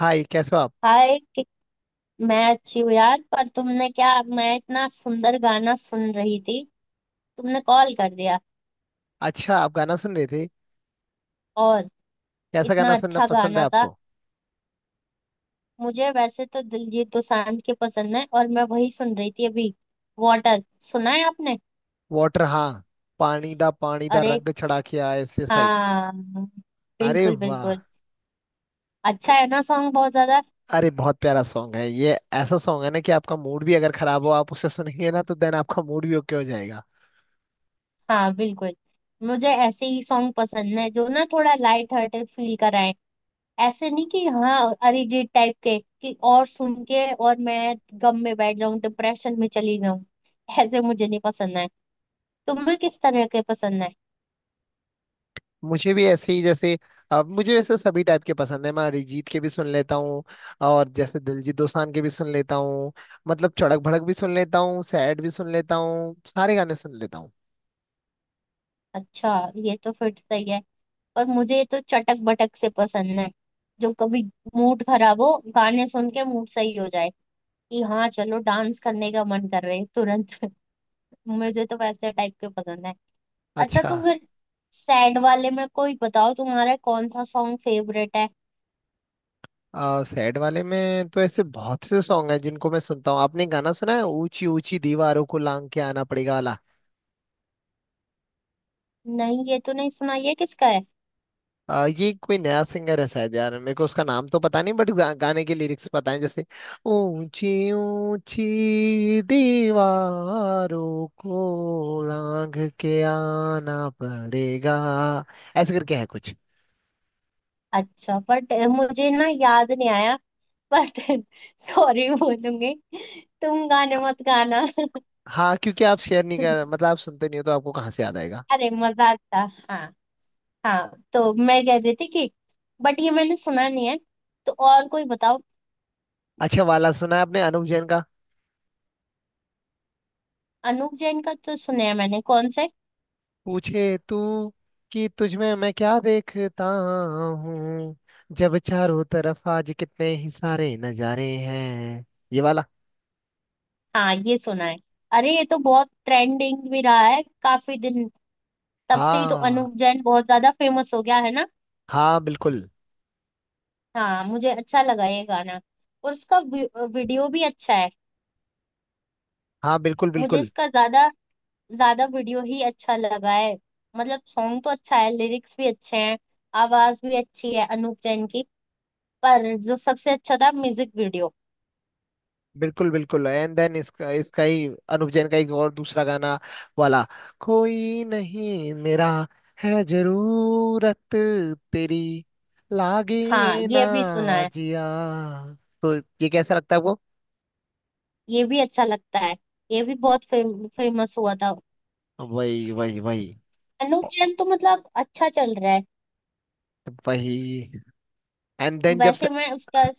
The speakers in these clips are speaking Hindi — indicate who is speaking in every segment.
Speaker 1: हाय, कैसे हो आप।
Speaker 2: हाय मैं अच्छी हूँ यार। पर तुमने क्या, मैं इतना सुंदर गाना सुन रही थी, तुमने कॉल कर दिया।
Speaker 1: अच्छा, आप गाना सुन रहे थे।
Speaker 2: और
Speaker 1: कैसा
Speaker 2: इतना
Speaker 1: गाना सुनना
Speaker 2: अच्छा
Speaker 1: पसंद है
Speaker 2: गाना था।
Speaker 1: आपको।
Speaker 2: मुझे वैसे तो दिलजीत दोसांझ के पसंद है, और मैं वही सुन रही थी अभी। वाटर, सुना है आपने?
Speaker 1: वाटर, हाँ। पानी दा
Speaker 2: अरे
Speaker 1: रंग चढ़ा के आए ऐसे साइड।
Speaker 2: हाँ,
Speaker 1: अरे
Speaker 2: बिल्कुल
Speaker 1: वाह।
Speaker 2: बिल्कुल।
Speaker 1: स-
Speaker 2: अच्छा है ना सॉन्ग बहुत ज्यादा।
Speaker 1: अरे बहुत प्यारा सॉन्ग है ये। ऐसा सॉन्ग है ना कि आपका मूड भी अगर खराब हो, आप उसे सुनेंगे ना तो देन आपका मूड भी ओके हो जाएगा।
Speaker 2: हाँ बिल्कुल। मुझे ऐसे ही सॉन्ग पसंद है जो ना थोड़ा लाइट हार्टेड फील कराए। ऐसे नहीं कि हाँ अरिजीत टाइप के कि, और सुन के और मैं गम में बैठ जाऊं, डिप्रेशन में चली जाऊं। ऐसे मुझे नहीं पसंद है। तुम्हें किस तरह के पसंद है?
Speaker 1: मुझे भी ऐसे ही, जैसे अब मुझे वैसे सभी टाइप के पसंद है। मैं अरिजीत के भी सुन लेता हूँ और जैसे दिलजीत दोसांझ के भी सुन लेता हूँ। मतलब चड़क भड़क भी सुन लेता हूँ, सैड भी सुन लेता हूँ, सारे गाने सुन लेता हूँ।
Speaker 2: अच्छा, ये तो फिर सही है। पर मुझे तो चटक बटक से पसंद है, जो कभी मूड खराब हो गाने सुन के मूड सही हो जाए। कि हाँ चलो डांस करने का मन कर रहे है तुरंत। मुझे तो वैसे टाइप के पसंद है। अच्छा
Speaker 1: अच्छा,
Speaker 2: तो फिर सैड वाले में कोई बताओ, तुम्हारा कौन सा सॉन्ग फेवरेट है?
Speaker 1: सैड वाले में तो ऐसे बहुत से सॉन्ग हैं जिनको मैं सुनता हूँ। आपने गाना सुना है ऊंची ऊंची दीवारों को लांग के आना पड़ेगा वाला।
Speaker 2: नहीं ये तो नहीं सुना। ये किसका है?
Speaker 1: ये कोई नया सिंगर है शायद यार, मेरे को उसका नाम तो पता नहीं, बट गाने के लिरिक्स पता है, जैसे ऊंची ऊंची दीवारों को लांग के आना पड़ेगा। ऐसे करके है कुछ।
Speaker 2: अच्छा, बट मुझे ना याद नहीं आया। बट सॉरी बोलूंगी, तुम गाने मत गाना।
Speaker 1: हाँ, क्योंकि आप शेयर नहीं कर, मतलब आप सुनते नहीं हो तो आपको कहाँ से याद आएगा।
Speaker 2: अरे मजाक था। हाँ। हाँ तो मैं कह रही थी कि बट ये मैंने सुना नहीं है, तो और कोई बताओ।
Speaker 1: अच्छा वाला सुना है आपने अनुव जैन का।
Speaker 2: अनूप जैन का तो सुना है मैंने, कौन से?
Speaker 1: पूछे तू कि तुझमें मैं क्या देखता हूँ, जब चारों तरफ आज कितने ही सारे नजारे हैं। ये वाला।
Speaker 2: हाँ ये सुना है। अरे ये तो बहुत ट्रेंडिंग भी रहा है काफी दिन। तब से ही तो
Speaker 1: हाँ,
Speaker 2: अनूप जैन बहुत ज्यादा फेमस हो गया है ना।
Speaker 1: हाँ बिल्कुल।
Speaker 2: हाँ मुझे अच्छा लगा ये गाना। और उसका वीडियो भी अच्छा है।
Speaker 1: हाँ बिल्कुल,
Speaker 2: मुझे
Speaker 1: बिल्कुल।
Speaker 2: इसका ज्यादा ज्यादा वीडियो ही अच्छा लगा है। मतलब सॉन्ग तो अच्छा है, लिरिक्स भी अच्छे हैं, आवाज भी अच्छी है अनूप जैन की। पर जो सबसे अच्छा था म्यूजिक वीडियो।
Speaker 1: बिल्कुल बिल्कुल, एंड देन इसका इसका ही अनुप जैन का एक और दूसरा गाना वाला कोई नहीं मेरा है जरूरत तेरी
Speaker 2: हाँ
Speaker 1: लागे ना
Speaker 2: ये भी सुना है।
Speaker 1: जिया तो। ये कैसा लगता है आपको।
Speaker 2: ये भी अच्छा लगता है। ये भी बहुत फेमस हुआ था।
Speaker 1: वही वही वही
Speaker 2: अनूप जैन तो मतलब अच्छा चल रहा है।
Speaker 1: वही एंड देन जब से।
Speaker 2: वैसे मैं उसका,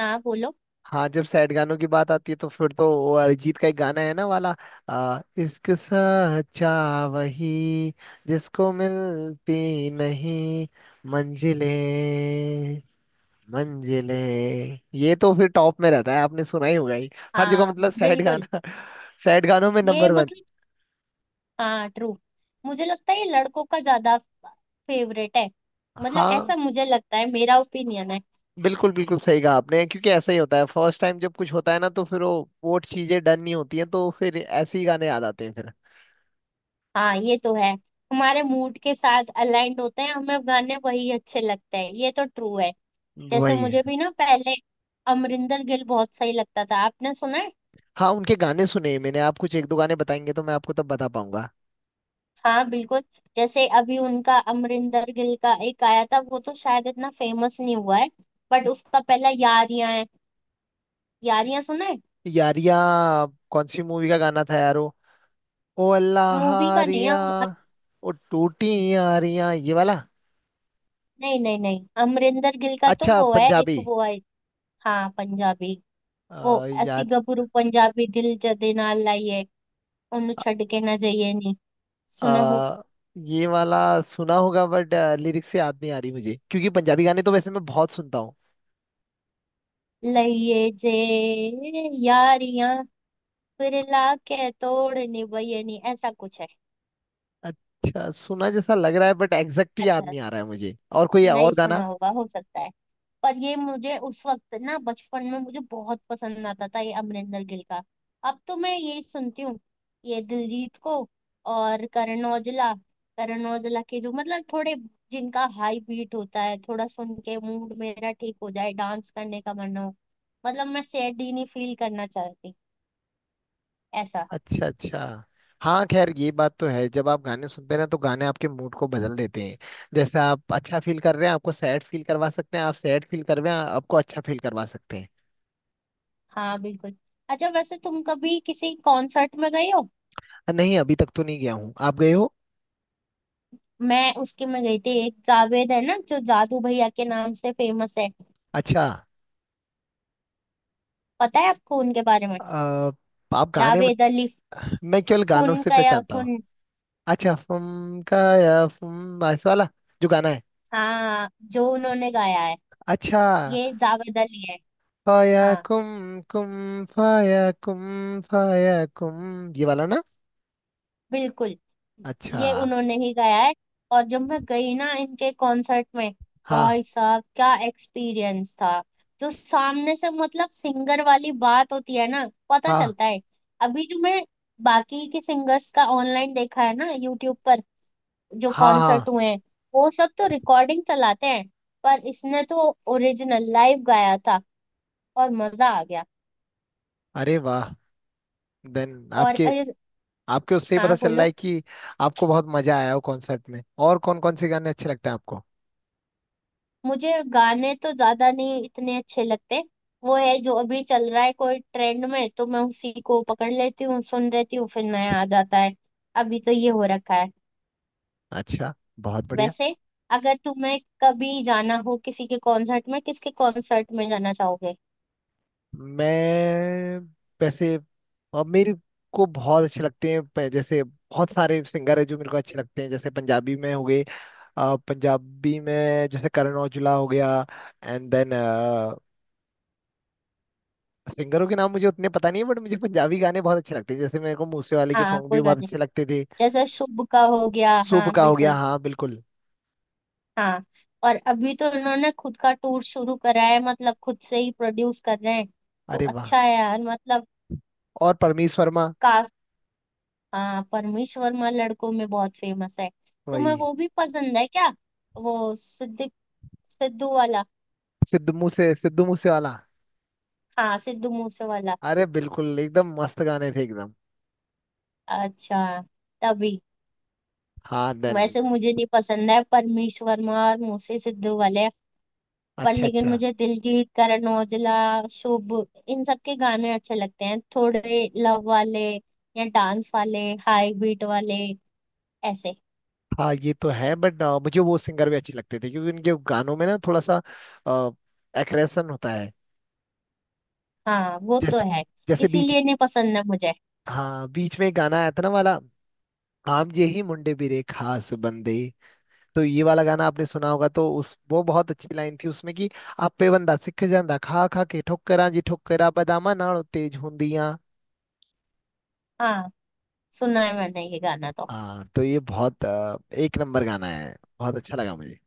Speaker 2: हाँ बोलो।
Speaker 1: हाँ, जब सैड गानों की बात आती है तो फिर तो वो अरिजीत का एक गाना है ना वाला। इश्क सच्चा वही जिसको मिलती नहीं मंजिलें, मंजिलें, ये तो फिर टॉप में रहता है। आपने सुना ही होगा ही हर जगह,
Speaker 2: हाँ
Speaker 1: मतलब सैड
Speaker 2: बिल्कुल।
Speaker 1: गाना। सैड गानों में
Speaker 2: ये
Speaker 1: नंबर वन।
Speaker 2: मतलब, हाँ ट्रू। मुझे लगता है ये लड़कों का ज्यादा फेवरेट है। मतलब
Speaker 1: हाँ
Speaker 2: ऐसा मुझे लगता है, मेरा ओपिनियन है।
Speaker 1: बिल्कुल, बिल्कुल सही कहा आपने, क्योंकि ऐसा ही होता है। फर्स्ट टाइम जब कुछ होता है ना तो फिर वो चीजें डन नहीं होती हैं, तो फिर ऐसे ही गाने याद आते हैं फिर।
Speaker 2: हाँ ये तो है। हमारे मूड के साथ अलाइंड होते हैं हमें गाने, वही अच्छे लगते हैं, ये तो ट्रू है। जैसे
Speaker 1: वही है।
Speaker 2: मुझे भी ना पहले अमरिंदर गिल बहुत सही लगता था। आपने सुना है?
Speaker 1: हाँ, उनके गाने सुने हैं मैंने। आप कुछ एक दो गाने बताएंगे तो मैं आपको तब बता पाऊंगा।
Speaker 2: हाँ बिल्कुल। जैसे अभी उनका अमरिंदर गिल का एक आया था, वो तो शायद इतना फेमस नहीं हुआ है, बट उसका पहला यारियां है। यारियां सुना है?
Speaker 1: यारिया कौन सी मूवी का गाना था यार वो। ओ अल्लाह
Speaker 2: मूवी का नहीं है
Speaker 1: हारिया।
Speaker 2: वो।
Speaker 1: ओ टूटी यारिया, ये वाला।
Speaker 2: नहीं नहीं नहीं, अमरिंदर गिल का तो
Speaker 1: अच्छा
Speaker 2: वो है,
Speaker 1: पंजाबी।
Speaker 2: एक वो है। हाँ पंजाबी। वो अस्सी
Speaker 1: याद।
Speaker 2: गबरू पंजाबी दिल जदे नाल लाइए, उन्हों छड़के नजये नी, सुनो हूँ,
Speaker 1: आ, ये वाला सुना होगा बट लिरिक्स से याद नहीं आ रही मुझे, क्योंकि पंजाबी गाने तो वैसे मैं बहुत सुनता हूँ।
Speaker 2: लईये जे, यारियां, फिर लाके तोड़नी, वह ये नी, ऐसा कुछ है।
Speaker 1: अच्छा सुना जैसा लग रहा है बट एग्जैक्ट याद
Speaker 2: अच्छार।
Speaker 1: नहीं आ रहा है मुझे। और कोई
Speaker 2: नहीं
Speaker 1: और गाना।
Speaker 2: सुना होगा हो सकता है। पर ये मुझे उस वक्त ना बचपन में मुझे बहुत पसंद आता था ये अमरिंदर गिल का। अब तो मैं यही सुनती हूँ, ये दिलजीत को और करण औजला। करण औजला के जो मतलब थोड़े, जिनका हाई बीट होता है, थोड़ा सुन के मूड मेरा ठीक हो जाए, डांस करने का मन हो। मतलब मैं सैड ही नहीं फील करना चाहती, ऐसा।
Speaker 1: अच्छा अच्छा। हाँ खैर, ये बात तो है। जब आप गाने सुनते हैं ना तो गाने आपके मूड को बदल देते हैं। जैसे आप अच्छा फील कर रहे हैं, आपको सैड फील करवा सकते हैं। आप सैड फील कर रहे हैं, आपको अच्छा फील करवा सकते हैं।
Speaker 2: हाँ बिल्कुल। अच्छा वैसे तुम कभी किसी कॉन्सर्ट में गए हो?
Speaker 1: नहीं, अभी तक तो नहीं गया हूँ। आप गए हो।
Speaker 2: मैं उसके में गई थी, एक जावेद है ना जो जादू भैया के नाम से फेमस है।
Speaker 1: अच्छा।
Speaker 2: पता है आपको उनके बारे में?
Speaker 1: अ, आप गाने,
Speaker 2: जावेद अली,
Speaker 1: मैं केवल गानों
Speaker 2: खून
Speaker 1: से
Speaker 2: का या
Speaker 1: पहचानता हूँ।
Speaker 2: खून।
Speaker 1: अच्छा फुम का या फुम ऐसा वाला जो गाना है।
Speaker 2: हाँ जो उन्होंने गाया है।
Speaker 1: अच्छा,
Speaker 2: ये जावेद अली है।
Speaker 1: फाया
Speaker 2: हाँ
Speaker 1: कुम, कुम फाया, कुम फाया कुम, ये वाला ना।
Speaker 2: बिल्कुल।
Speaker 1: अच्छा।
Speaker 2: ये उन्होंने ही गाया है। और जब मैं गई ना इनके कॉन्सर्ट में,
Speaker 1: हाँ,
Speaker 2: भाई साहब क्या एक्सपीरियंस था। जो सामने से मतलब सिंगर वाली बात होती है ना पता
Speaker 1: हाँ,
Speaker 2: चलता है। अभी जो मैं बाकी के सिंगर्स का ऑनलाइन देखा है ना यूट्यूब पर, जो
Speaker 1: हाँ। हाँ।
Speaker 2: कॉन्सर्ट हुए हैं, वो सब तो रिकॉर्डिंग चलाते हैं, पर इसने तो ओरिजिनल लाइव गाया था। और मजा आ गया।
Speaker 1: अरे वाह। देन
Speaker 2: और
Speaker 1: आपके, आपके उससे ही पता
Speaker 2: हाँ
Speaker 1: चल रहा
Speaker 2: बोलो।
Speaker 1: है कि आपको बहुत मजा आया हो कॉन्सर्ट में। और कौन कौन से गाने अच्छे लगते हैं आपको।
Speaker 2: मुझे गाने तो ज्यादा नहीं इतने अच्छे लगते। वो है जो अभी चल रहा है कोई ट्रेंड में, तो मैं उसी को पकड़ लेती हूँ, सुन लेती हूँ, फिर नया आ जाता है। अभी तो ये हो रखा है।
Speaker 1: अच्छा, बहुत बढ़िया।
Speaker 2: वैसे अगर तुम्हें कभी जाना हो किसी के कॉन्सर्ट में, किसके कॉन्सर्ट में जाना चाहोगे?
Speaker 1: मैं, वैसे, और मेरे को बहुत अच्छे लगते हैं। जैसे बहुत सारे सिंगर है जो मेरे को अच्छे लगते हैं, जैसे पंजाबी में हो गए, पंजाबी में जैसे करण औजला हो गया। एंड देन सिंगरों के नाम मुझे उतने पता नहीं है बट मुझे पंजाबी गाने बहुत अच्छे लगते हैं, जैसे मेरे को मूसे वाले के
Speaker 2: हाँ
Speaker 1: सॉन्ग भी
Speaker 2: कोई
Speaker 1: बहुत
Speaker 2: बात नहीं।
Speaker 1: अच्छे लगते थे।
Speaker 2: जैसे शुभ का हो गया,
Speaker 1: शुभ
Speaker 2: हाँ
Speaker 1: का हो गया,
Speaker 2: बिल्कुल।
Speaker 1: हाँ बिल्कुल।
Speaker 2: हाँ। और अभी तो इन्होंने खुद का टूर शुरू करा है, मतलब खुद से ही प्रोड्यूस कर रहे हैं। तो
Speaker 1: अरे वाह।
Speaker 2: अच्छा है यार मतलब।
Speaker 1: और परमीश वर्मा।
Speaker 2: का, हाँ परमीश वर्मा लड़कों में बहुत फेमस है।
Speaker 1: वही।
Speaker 2: तुम्हें वो भी पसंद है क्या? वो सिद्दिक, सिद्धू वाला।
Speaker 1: सिद्धू मूसे, सिद्धू मूसे वाला।
Speaker 2: हाँ सिद्धू मूसे वाला।
Speaker 1: अरे बिल्कुल, एकदम मस्त गाने थे एकदम।
Speaker 2: अच्छा, तभी।
Speaker 1: हाँ देन।
Speaker 2: वैसे मुझे नहीं पसंद है परमीश वर्मा और मूसे सिद्धू वाले। पर
Speaker 1: अच्छा
Speaker 2: लेकिन
Speaker 1: अच्छा।
Speaker 2: मुझे दिलजीत, करण औजला, शुभ, इन सब के गाने अच्छे लगते हैं। थोड़े लव वाले, या डांस वाले, हाई बीट वाले, ऐसे।
Speaker 1: हाँ ये तो है, बट मुझे वो सिंगर भी अच्छे लगते थे, क्योंकि उनके गानों में ना थोड़ा सा एग्रेशन होता है।
Speaker 2: हाँ वो तो
Speaker 1: जैसे,
Speaker 2: है।
Speaker 1: जैसे बीच।
Speaker 2: इसीलिए नहीं पसंद है मुझे।
Speaker 1: हाँ, बीच में एक गाना आया था ना वाला आम ये ही मुंडे बिरे खास बंदे। तो ये वाला गाना आपने सुना होगा। तो उस, वो बहुत अच्छी लाइन थी उसमें कि ਆਪੇ ਬੰਦਾ ਸਿੱਖ ਜਾਂਦਾ ਖਾ ਖਾ ਕੇ ਠੋਕਰਾਂ ਜੀ ਠੋਕਰਾ ਬਦਾਮਾਂ ਨਾਲੋਂ ਤੇਜ਼ ਹੁੰਦੀਆਂ।
Speaker 2: हाँ सुना है मैंने ये गाना तो।
Speaker 1: हाँ, तो ये बहुत एक नंबर गाना है। बहुत अच्छा लगा मुझे।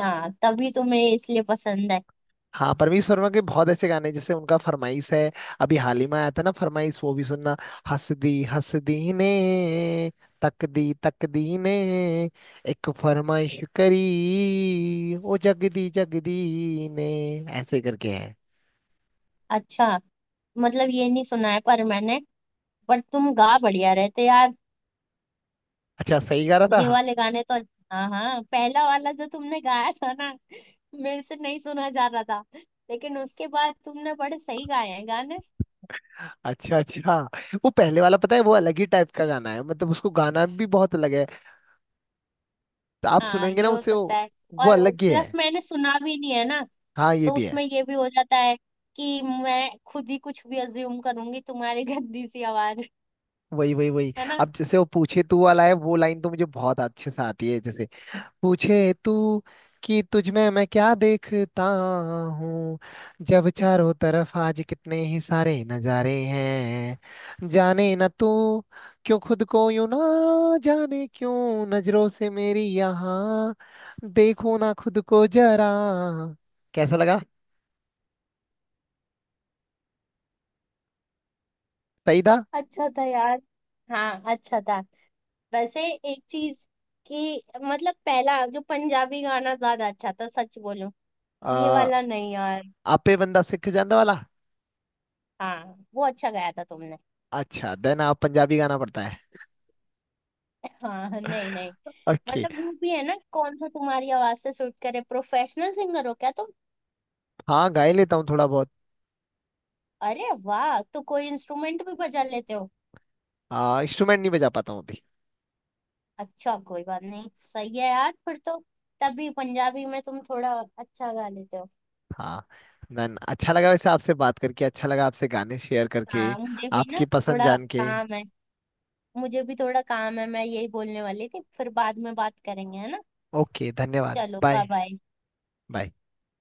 Speaker 2: हाँ तभी तुम्हें इसलिए पसंद है।
Speaker 1: हाँ, परमीश वर्मा के बहुत ऐसे गाने हैं, जैसे उनका फरमाइश है। अभी हाल ही में आया था ना फरमाइश, वो भी सुनना। हंस दी ने, तक दी ने, एक फरमाइश करी ओ जग दी ने। ऐसे करके है।
Speaker 2: अच्छा, मतलब ये नहीं सुना है पर मैंने। बट तुम गा बढ़िया रहे थे यार,
Speaker 1: अच्छा, सही गा रहा
Speaker 2: ये
Speaker 1: था।
Speaker 2: वाले गाने तो। हाँ हाँ, पहला वाला जो तुमने गाया था ना, मेरे से नहीं सुना जा रहा था। लेकिन उसके बाद तुमने बड़े सही गाए हैं गाने।
Speaker 1: अच्छा अच्छा। वो पहले वाला, पता है, वो अलग ही टाइप का गाना है। मतलब उसको गाना भी बहुत अलग है। तो आप
Speaker 2: हाँ
Speaker 1: सुनेंगे ना
Speaker 2: ये हो
Speaker 1: उसे
Speaker 2: सकता है।
Speaker 1: वो
Speaker 2: और
Speaker 1: अलग ही
Speaker 2: प्लस
Speaker 1: है।
Speaker 2: मैंने सुना भी नहीं है ना,
Speaker 1: हाँ ये
Speaker 2: तो
Speaker 1: भी है।
Speaker 2: उसमें ये भी हो जाता है कि मैं खुद ही कुछ भी अज्यूम करूंगी, तुम्हारी गंदी सी आवाज,
Speaker 1: वही वही वही
Speaker 2: है ना।
Speaker 1: अब जैसे वो पूछे तू वाला है, वो लाइन तो मुझे बहुत अच्छे से आती है, जैसे पूछे तू कि तुझ में मैं क्या देखता हूँ। जब चारों तरफ आज कितने ही सारे नजारे हैं, जाने न तू क्यों खुद को यूं ना जाने क्यों, नजरों से मेरी यहाँ देखो ना खुद को जरा। कैसा लगा, सही था।
Speaker 2: अच्छा था यार। हाँ अच्छा था। वैसे एक चीज कि मतलब पहला जो पंजाबी गाना ज्यादा अच्छा था, सच बोलूं, ये
Speaker 1: आ,
Speaker 2: वाला नहीं यार।
Speaker 1: आपे बंदा सिख जाने वाला।
Speaker 2: हाँ वो अच्छा गाया था तुमने।
Speaker 1: अच्छा देन, आप पंजाबी गाना पड़ता है।
Speaker 2: हाँ नहीं नहीं।
Speaker 1: ओके।
Speaker 2: मतलब वो भी है ना कौन सा तुम्हारी आवाज से सूट करे। प्रोफेशनल सिंगर हो क्या तुम?
Speaker 1: हाँ गा ही लेता हूँ थोड़ा बहुत।
Speaker 2: अरे वाह, तो कोई इंस्ट्रूमेंट भी बजा लेते हो?
Speaker 1: इंस्ट्रूमेंट नहीं बजा पाता हूँ अभी।
Speaker 2: अच्छा कोई बात नहीं, सही है यार फिर तो। तभी पंजाबी में तुम थोड़ा अच्छा गा लेते हो।
Speaker 1: हाँ देन, अच्छा लगा वैसे आपसे बात करके, अच्छा लगा आपसे गाने शेयर करके,
Speaker 2: हाँ मुझे भी ना
Speaker 1: आपकी पसंद
Speaker 2: थोड़ा
Speaker 1: जान के।
Speaker 2: काम है। मुझे भी थोड़ा काम है, मैं यही बोलने वाली थी, फिर बाद में बात करेंगे, है ना।
Speaker 1: ओके, धन्यवाद,
Speaker 2: चलो बाय
Speaker 1: बाय।
Speaker 2: बाय।
Speaker 1: बाय।